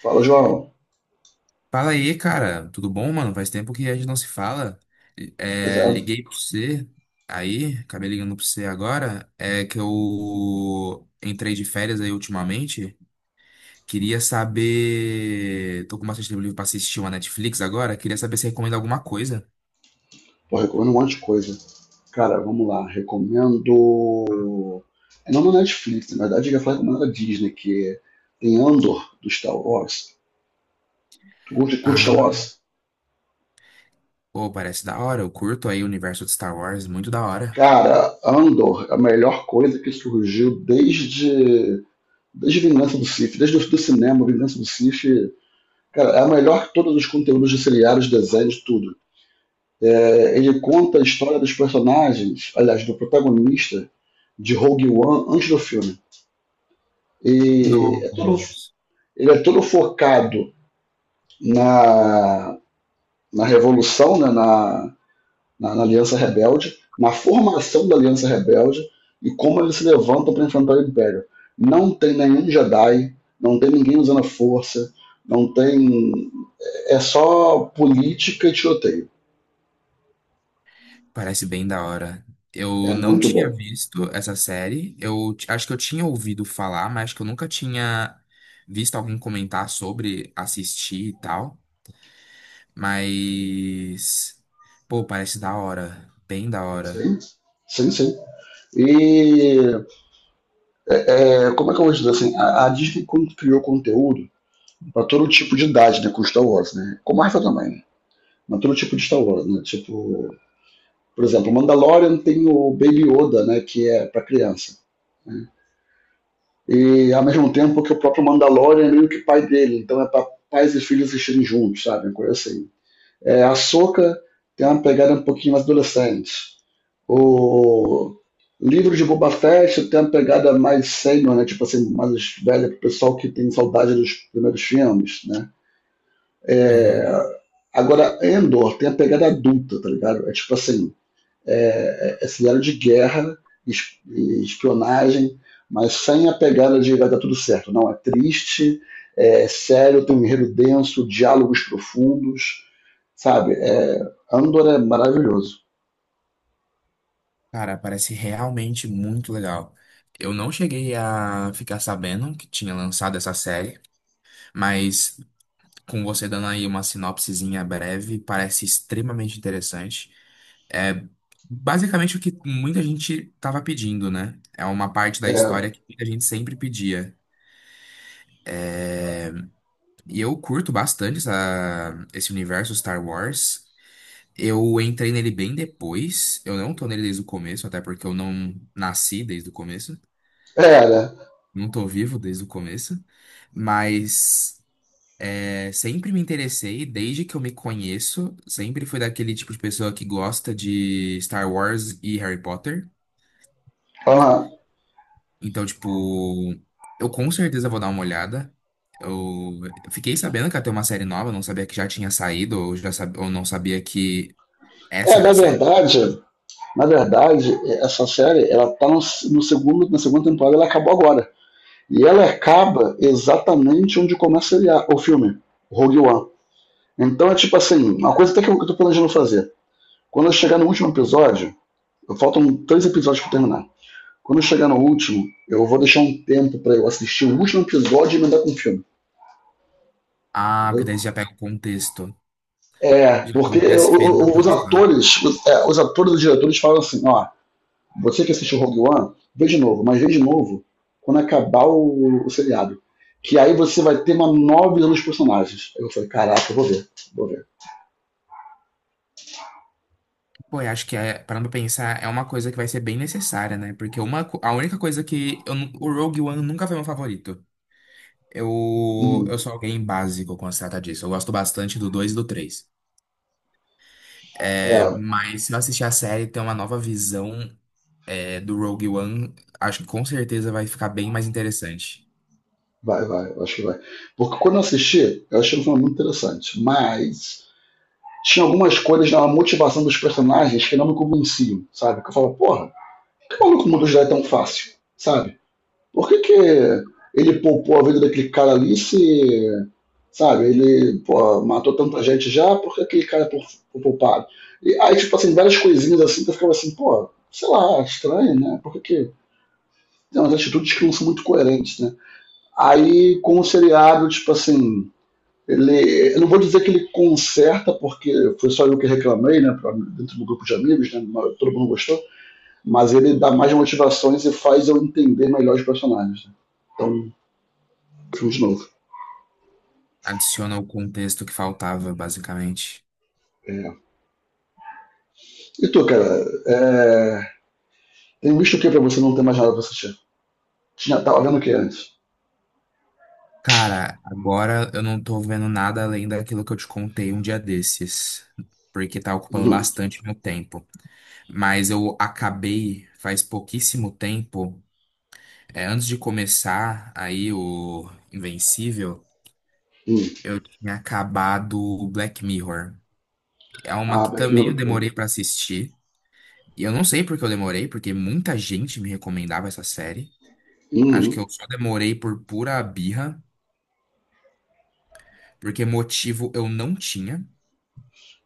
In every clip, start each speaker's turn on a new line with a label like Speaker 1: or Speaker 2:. Speaker 1: Fala, João.
Speaker 2: Fala aí, cara. Tudo bom, mano? Faz tempo que a gente não se fala.
Speaker 1: Pois
Speaker 2: É,
Speaker 1: é,
Speaker 2: liguei pra você aí, acabei ligando pra você agora. É que eu entrei de férias aí ultimamente. Queria saber. Tô com bastante tempo livre pra assistir uma Netflix agora. Queria saber se recomenda alguma coisa.
Speaker 1: pô, recomendo um monte de coisa. Cara, vamos lá. Recomendo. É não na Netflix, na verdade, eu ia falar recomendo a Disney, que tem Andor do Star Wars. Tu curte Star Wars?
Speaker 2: Ah, pô, parece da hora. Eu curto aí o universo de Star Wars, muito da hora.
Speaker 1: Cara, Andor é a melhor coisa que surgiu desde Vingança do Sith, desde o do cinema, Vingança do Sith. Cara, é a melhor que todos os conteúdos de seriados, desenhos, tudo. É, ele conta a história dos personagens, aliás, do protagonista de Rogue One antes do filme. E é todo,
Speaker 2: Nossa.
Speaker 1: ele é todo focado na, na revolução, na Aliança Rebelde, na formação da Aliança Rebelde e como eles se levantam para enfrentar o Império. Não tem nenhum Jedi, não tem ninguém usando a força, não tem. É só política e tiroteio.
Speaker 2: Parece bem da hora.
Speaker 1: É
Speaker 2: Eu não
Speaker 1: muito
Speaker 2: tinha
Speaker 1: bom.
Speaker 2: visto essa série. Acho que eu tinha ouvido falar, mas acho que eu nunca tinha visto alguém comentar sobre assistir e tal. Mas, pô, parece da hora. Bem da hora.
Speaker 1: Sim, sim, sim. E é, como é que eu vou dizer assim? A Disney criou conteúdo para todo tipo de idade, né? Com Star Wars, né? Com Marvel também, né? Mas todo tipo de Star Wars, né? Tipo, por exemplo, Mandalorian tem o Baby Yoda, né? Que é para criança. E ao mesmo tempo que o próprio Mandalorian é meio que pai dele, então é para pais e filhos assistirem juntos, sabe? Uma coisa assim. É, a Soca tem uma pegada um pouquinho mais adolescente. O livro de Boba Fett tem uma pegada mais sênior, né? Tipo assim, mais velha pro pessoal que tem saudade dos primeiros filmes, né?
Speaker 2: Aham.
Speaker 1: É... Agora, Endor tem a pegada adulta, tá ligado? É tipo assim, é cenário de guerra, espionagem, mas sem a pegada de vai dar tudo certo. Não, é triste, é sério, tem um enredo denso, diálogos profundos, sabe? É, Andor é maravilhoso.
Speaker 2: Cara, parece realmente muito legal. Eu não cheguei a ficar sabendo que tinha lançado essa série, mas com você dando aí uma sinopsezinha breve, parece extremamente interessante. É, basicamente o que muita gente tava pedindo, né? É uma parte da
Speaker 1: É,
Speaker 2: história que muita gente sempre pedia. E eu curto bastante esse universo Star Wars. Eu entrei nele bem depois. Eu não tô nele desde o começo, até porque eu não nasci desde o começo.
Speaker 1: né?
Speaker 2: Não tô vivo desde o começo. Mas é, sempre me interessei, desde que eu me conheço. Sempre fui daquele tipo de pessoa que gosta de Star Wars e Harry Potter. Então, tipo, eu com certeza vou dar uma olhada. Eu fiquei sabendo que ia ter uma série nova, não sabia que já tinha saído, ou, ou não sabia que essa
Speaker 1: é,
Speaker 2: era
Speaker 1: na
Speaker 2: a série.
Speaker 1: verdade, na verdade, essa série, ela tá no segundo, na segunda temporada, ela acabou agora. E ela acaba exatamente onde começa o filme, Rogue One. Então é tipo assim, uma coisa até que eu tô planejando fazer. Quando eu chegar no último episódio, faltam três episódios para terminar. Quando eu chegar no último, eu vou deixar um tempo para eu assistir o último episódio e mandar com o filme,
Speaker 2: Ah, porque
Speaker 1: entendeu?
Speaker 2: daí você já pega o contexto.
Speaker 1: É,
Speaker 2: Já
Speaker 1: porque
Speaker 2: como se tivesse feito na
Speaker 1: os
Speaker 2: produção.
Speaker 1: atores, os atores e os diretores falam assim, ó, você que assistiu Rogue One, vê de novo, mas vê de novo quando acabar o seriado. Que aí você vai ter uma nova visão dos personagens. Eu falei, caraca, eu vou ver, vou ver.
Speaker 2: Pô, eu acho que, é, parando pra pensar, é uma coisa que vai ser bem necessária, né? Porque a única coisa que. O Rogue One nunca foi meu favorito. Eu
Speaker 1: Uhum.
Speaker 2: sou alguém básico quando se trata disso. Eu gosto bastante do 2 e do três. É,
Speaker 1: É,
Speaker 2: mas se eu assistir a série, ter uma nova visão. É, do Rogue One, acho que com certeza vai ficar bem mais interessante.
Speaker 1: vai, vai, eu acho que vai. Porque quando eu assisti, eu achei um filme muito interessante, mas tinha algumas coisas na motivação dos personagens que não me convenciam, sabe? Que eu falo, porra, por que o maluco mudou de ideia tão fácil, sabe? Por que, que ele poupou a vida daquele cara ali se, sabe, ele pô, matou tanta gente já, por que aquele cara foi poupado? E aí, tipo assim, várias coisinhas assim que eu ficava assim, pô, sei lá, estranho, né? Por que que. Tem umas atitudes que não são muito coerentes, né? Aí, com o seriado, tipo assim, ele, eu não vou dizer que ele conserta, porque foi só eu que reclamei, né, pra- dentro do grupo de amigos, né, todo mundo gostou, mas ele dá mais motivações e faz eu entender melhor os personagens. Né. Então, vamos de novo.
Speaker 2: Adiciona o contexto que faltava, basicamente.
Speaker 1: É. E tu, cara, é, tem visto o que pra você não ter mais nada pra assistir? Tinha, tava vendo o que antes?
Speaker 2: Cara, agora eu não tô vendo nada além daquilo que eu te contei um dia desses, porque tá ocupando
Speaker 1: Uhum.
Speaker 2: bastante meu tempo. Mas eu acabei faz pouquíssimo tempo, é, antes de começar aí o Invencível,
Speaker 1: Uhum.
Speaker 2: eu tinha acabado o Black Mirror. É uma
Speaker 1: Ah,
Speaker 2: que
Speaker 1: Black Mirror,
Speaker 2: também
Speaker 1: é
Speaker 2: eu
Speaker 1: muito bom.
Speaker 2: demorei pra assistir. E eu não sei porque eu demorei, porque muita gente me recomendava essa série. Acho que
Speaker 1: Uhum.
Speaker 2: eu só demorei por pura birra, porque motivo eu não tinha.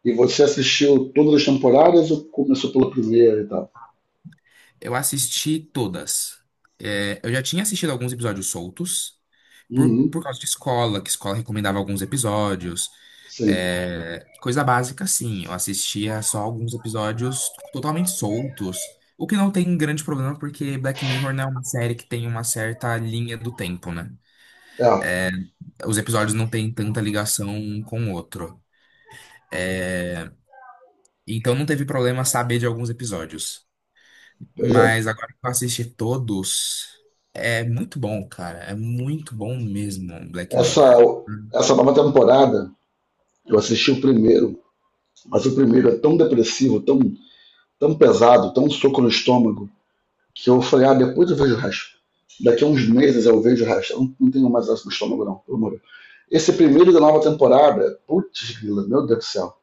Speaker 1: E você assistiu todas as temporadas ou começou pela primeira e tal?
Speaker 2: Eu assisti todas. É, eu já tinha assistido alguns episódios soltos, por,
Speaker 1: Uhum.
Speaker 2: por causa de escola, que escola recomendava alguns episódios.
Speaker 1: Sim.
Speaker 2: É, coisa básica, sim. Eu assistia só alguns episódios totalmente soltos. O que não tem grande problema, porque Black Mirror não é uma série que tem uma certa linha do tempo, né?
Speaker 1: É,
Speaker 2: Os episódios não têm tanta ligação um com o outro. Então não teve problema saber de alguns episódios.
Speaker 1: pois é.
Speaker 2: Mas agora que eu assisti todos, é muito bom, cara. É muito bom mesmo, Black
Speaker 1: Essa,
Speaker 2: Mirror.
Speaker 1: essa nova temporada eu assisti o primeiro, mas o primeiro é tão depressivo, tão, tão pesado, tão soco no estômago, que eu falei, ah, depois eu vejo o resto. Daqui a uns meses eu vejo o resto. Eu não, não tenho mais essa no estômago, não, pelo amor de Deus. Esse primeiro da nova temporada, putz, grila, meu Deus do céu.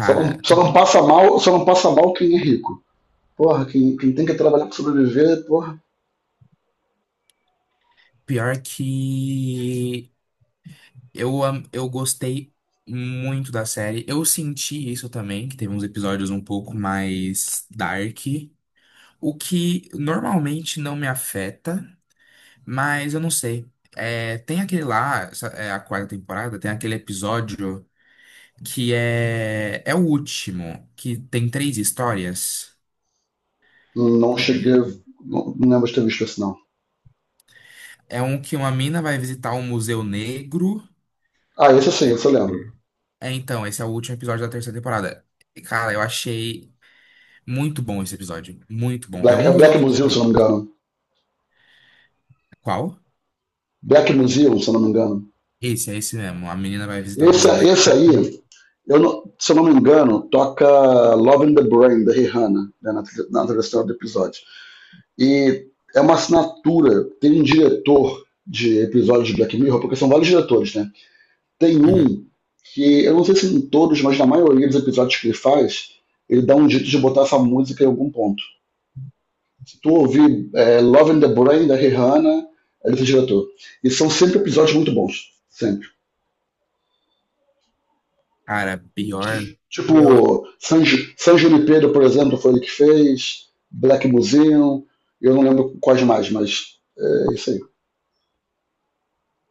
Speaker 1: Só não
Speaker 2: tem-
Speaker 1: passa mal, só não passa mal quem é rico. Porra, quem, quem tem que trabalhar para sobreviver, porra,
Speaker 2: Pior que eu gostei muito da série. Eu senti isso também, que teve uns episódios um pouco mais dark, o que normalmente não me afeta. Mas eu não sei. É, tem aquele lá, é a quarta temporada, tem aquele episódio que é, é o último, que tem três histórias.
Speaker 1: não cheguei. Não, não lembro de ter visto esse não.
Speaker 2: É um que uma mina vai visitar um museu negro.
Speaker 1: Ah, esse sim,
Speaker 2: É,
Speaker 1: esse eu lembro.
Speaker 2: é, então, esse é o último episódio da terceira temporada. E, cara, eu achei muito bom esse episódio. Muito bom. É
Speaker 1: Black, é
Speaker 2: um dos
Speaker 1: Black
Speaker 2: meus
Speaker 1: Museum, se eu
Speaker 2: favoritos.
Speaker 1: não me engano.
Speaker 2: Qual?
Speaker 1: Black Museum, se eu não me engano.
Speaker 2: Esse, é esse mesmo. A menina vai visitar o
Speaker 1: Esse,
Speaker 2: Museu Negro.
Speaker 1: esse aí, eu não- se eu não me engano, toca Love in the Brain, da Rihanna, né, na trilha do episódio. E é uma assinatura, tem um diretor de episódios de Black Mirror, porque são vários diretores, né? Tem
Speaker 2: Uhum.
Speaker 1: um que, eu não sei se em todos, mas na maioria dos episódios que ele faz, ele dá um jeito de botar essa música em algum ponto. Se tu ouvir é, Love in the Brain, da Rihanna, é desse diretor. E são sempre episódios muito bons, sempre.
Speaker 2: Cara, pior.
Speaker 1: Tipo, San Junipero, por exemplo, foi ele que fez, Black Museum, eu não lembro quais mais, mas é isso aí.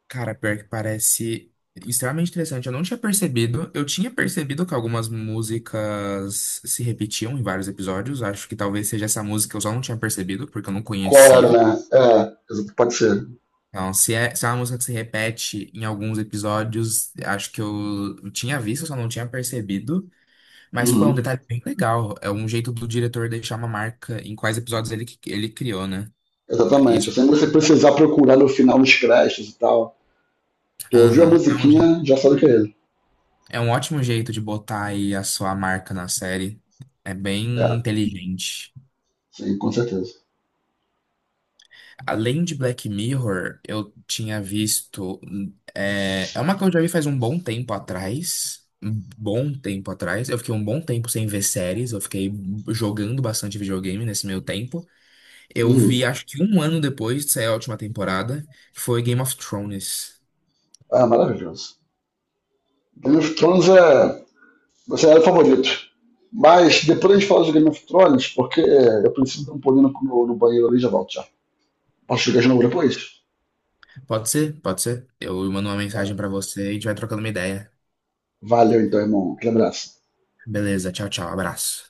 Speaker 2: Cara, pior que parece extremamente interessante. Eu não tinha percebido. Eu tinha percebido que algumas músicas se repetiam em vários episódios. Acho que talvez seja essa música que eu só não tinha percebido, porque eu não
Speaker 1: Qual era,
Speaker 2: conhecia.
Speaker 1: né? É, pode ser.
Speaker 2: Então, se é, se é uma música que se repete em alguns episódios, acho que eu tinha visto, só não tinha percebido. Mas foi um
Speaker 1: Uhum,
Speaker 2: detalhe bem legal. É um jeito do diretor deixar uma marca em quais episódios ele criou, né? É isso.
Speaker 1: exatamente. Sem você precisar procurar no final nos créditos e tal. Tu ouviu a
Speaker 2: Aham. É um jeito.
Speaker 1: musiquinha, já sabe que é ele.
Speaker 2: É um ótimo jeito de botar aí a sua marca na série. É bem
Speaker 1: É,
Speaker 2: inteligente.
Speaker 1: sim, com certeza.
Speaker 2: Além de Black Mirror, eu tinha visto. É, é uma que eu já vi faz um bom tempo atrás. Um bom tempo atrás. Eu fiquei um bom tempo sem ver séries. Eu fiquei jogando bastante videogame nesse meio tempo. Eu vi,
Speaker 1: Uhum.
Speaker 2: acho que um ano depois de sair a última temporada, que foi Game of Thrones.
Speaker 1: Ah, é maravilhoso. Game of Thrones é. Você era o favorito. Mas depois a gente fala de Game of Thrones, porque eu preciso dar um pulinho no banheiro ali e já volto já. Posso chegar de novo depois?
Speaker 2: Pode ser? Pode ser? Eu mando uma mensagem pra você e a gente vai trocando uma ideia.
Speaker 1: Valeu então, irmão. Aquele abraço.
Speaker 2: Beleza, tchau, tchau, abraço.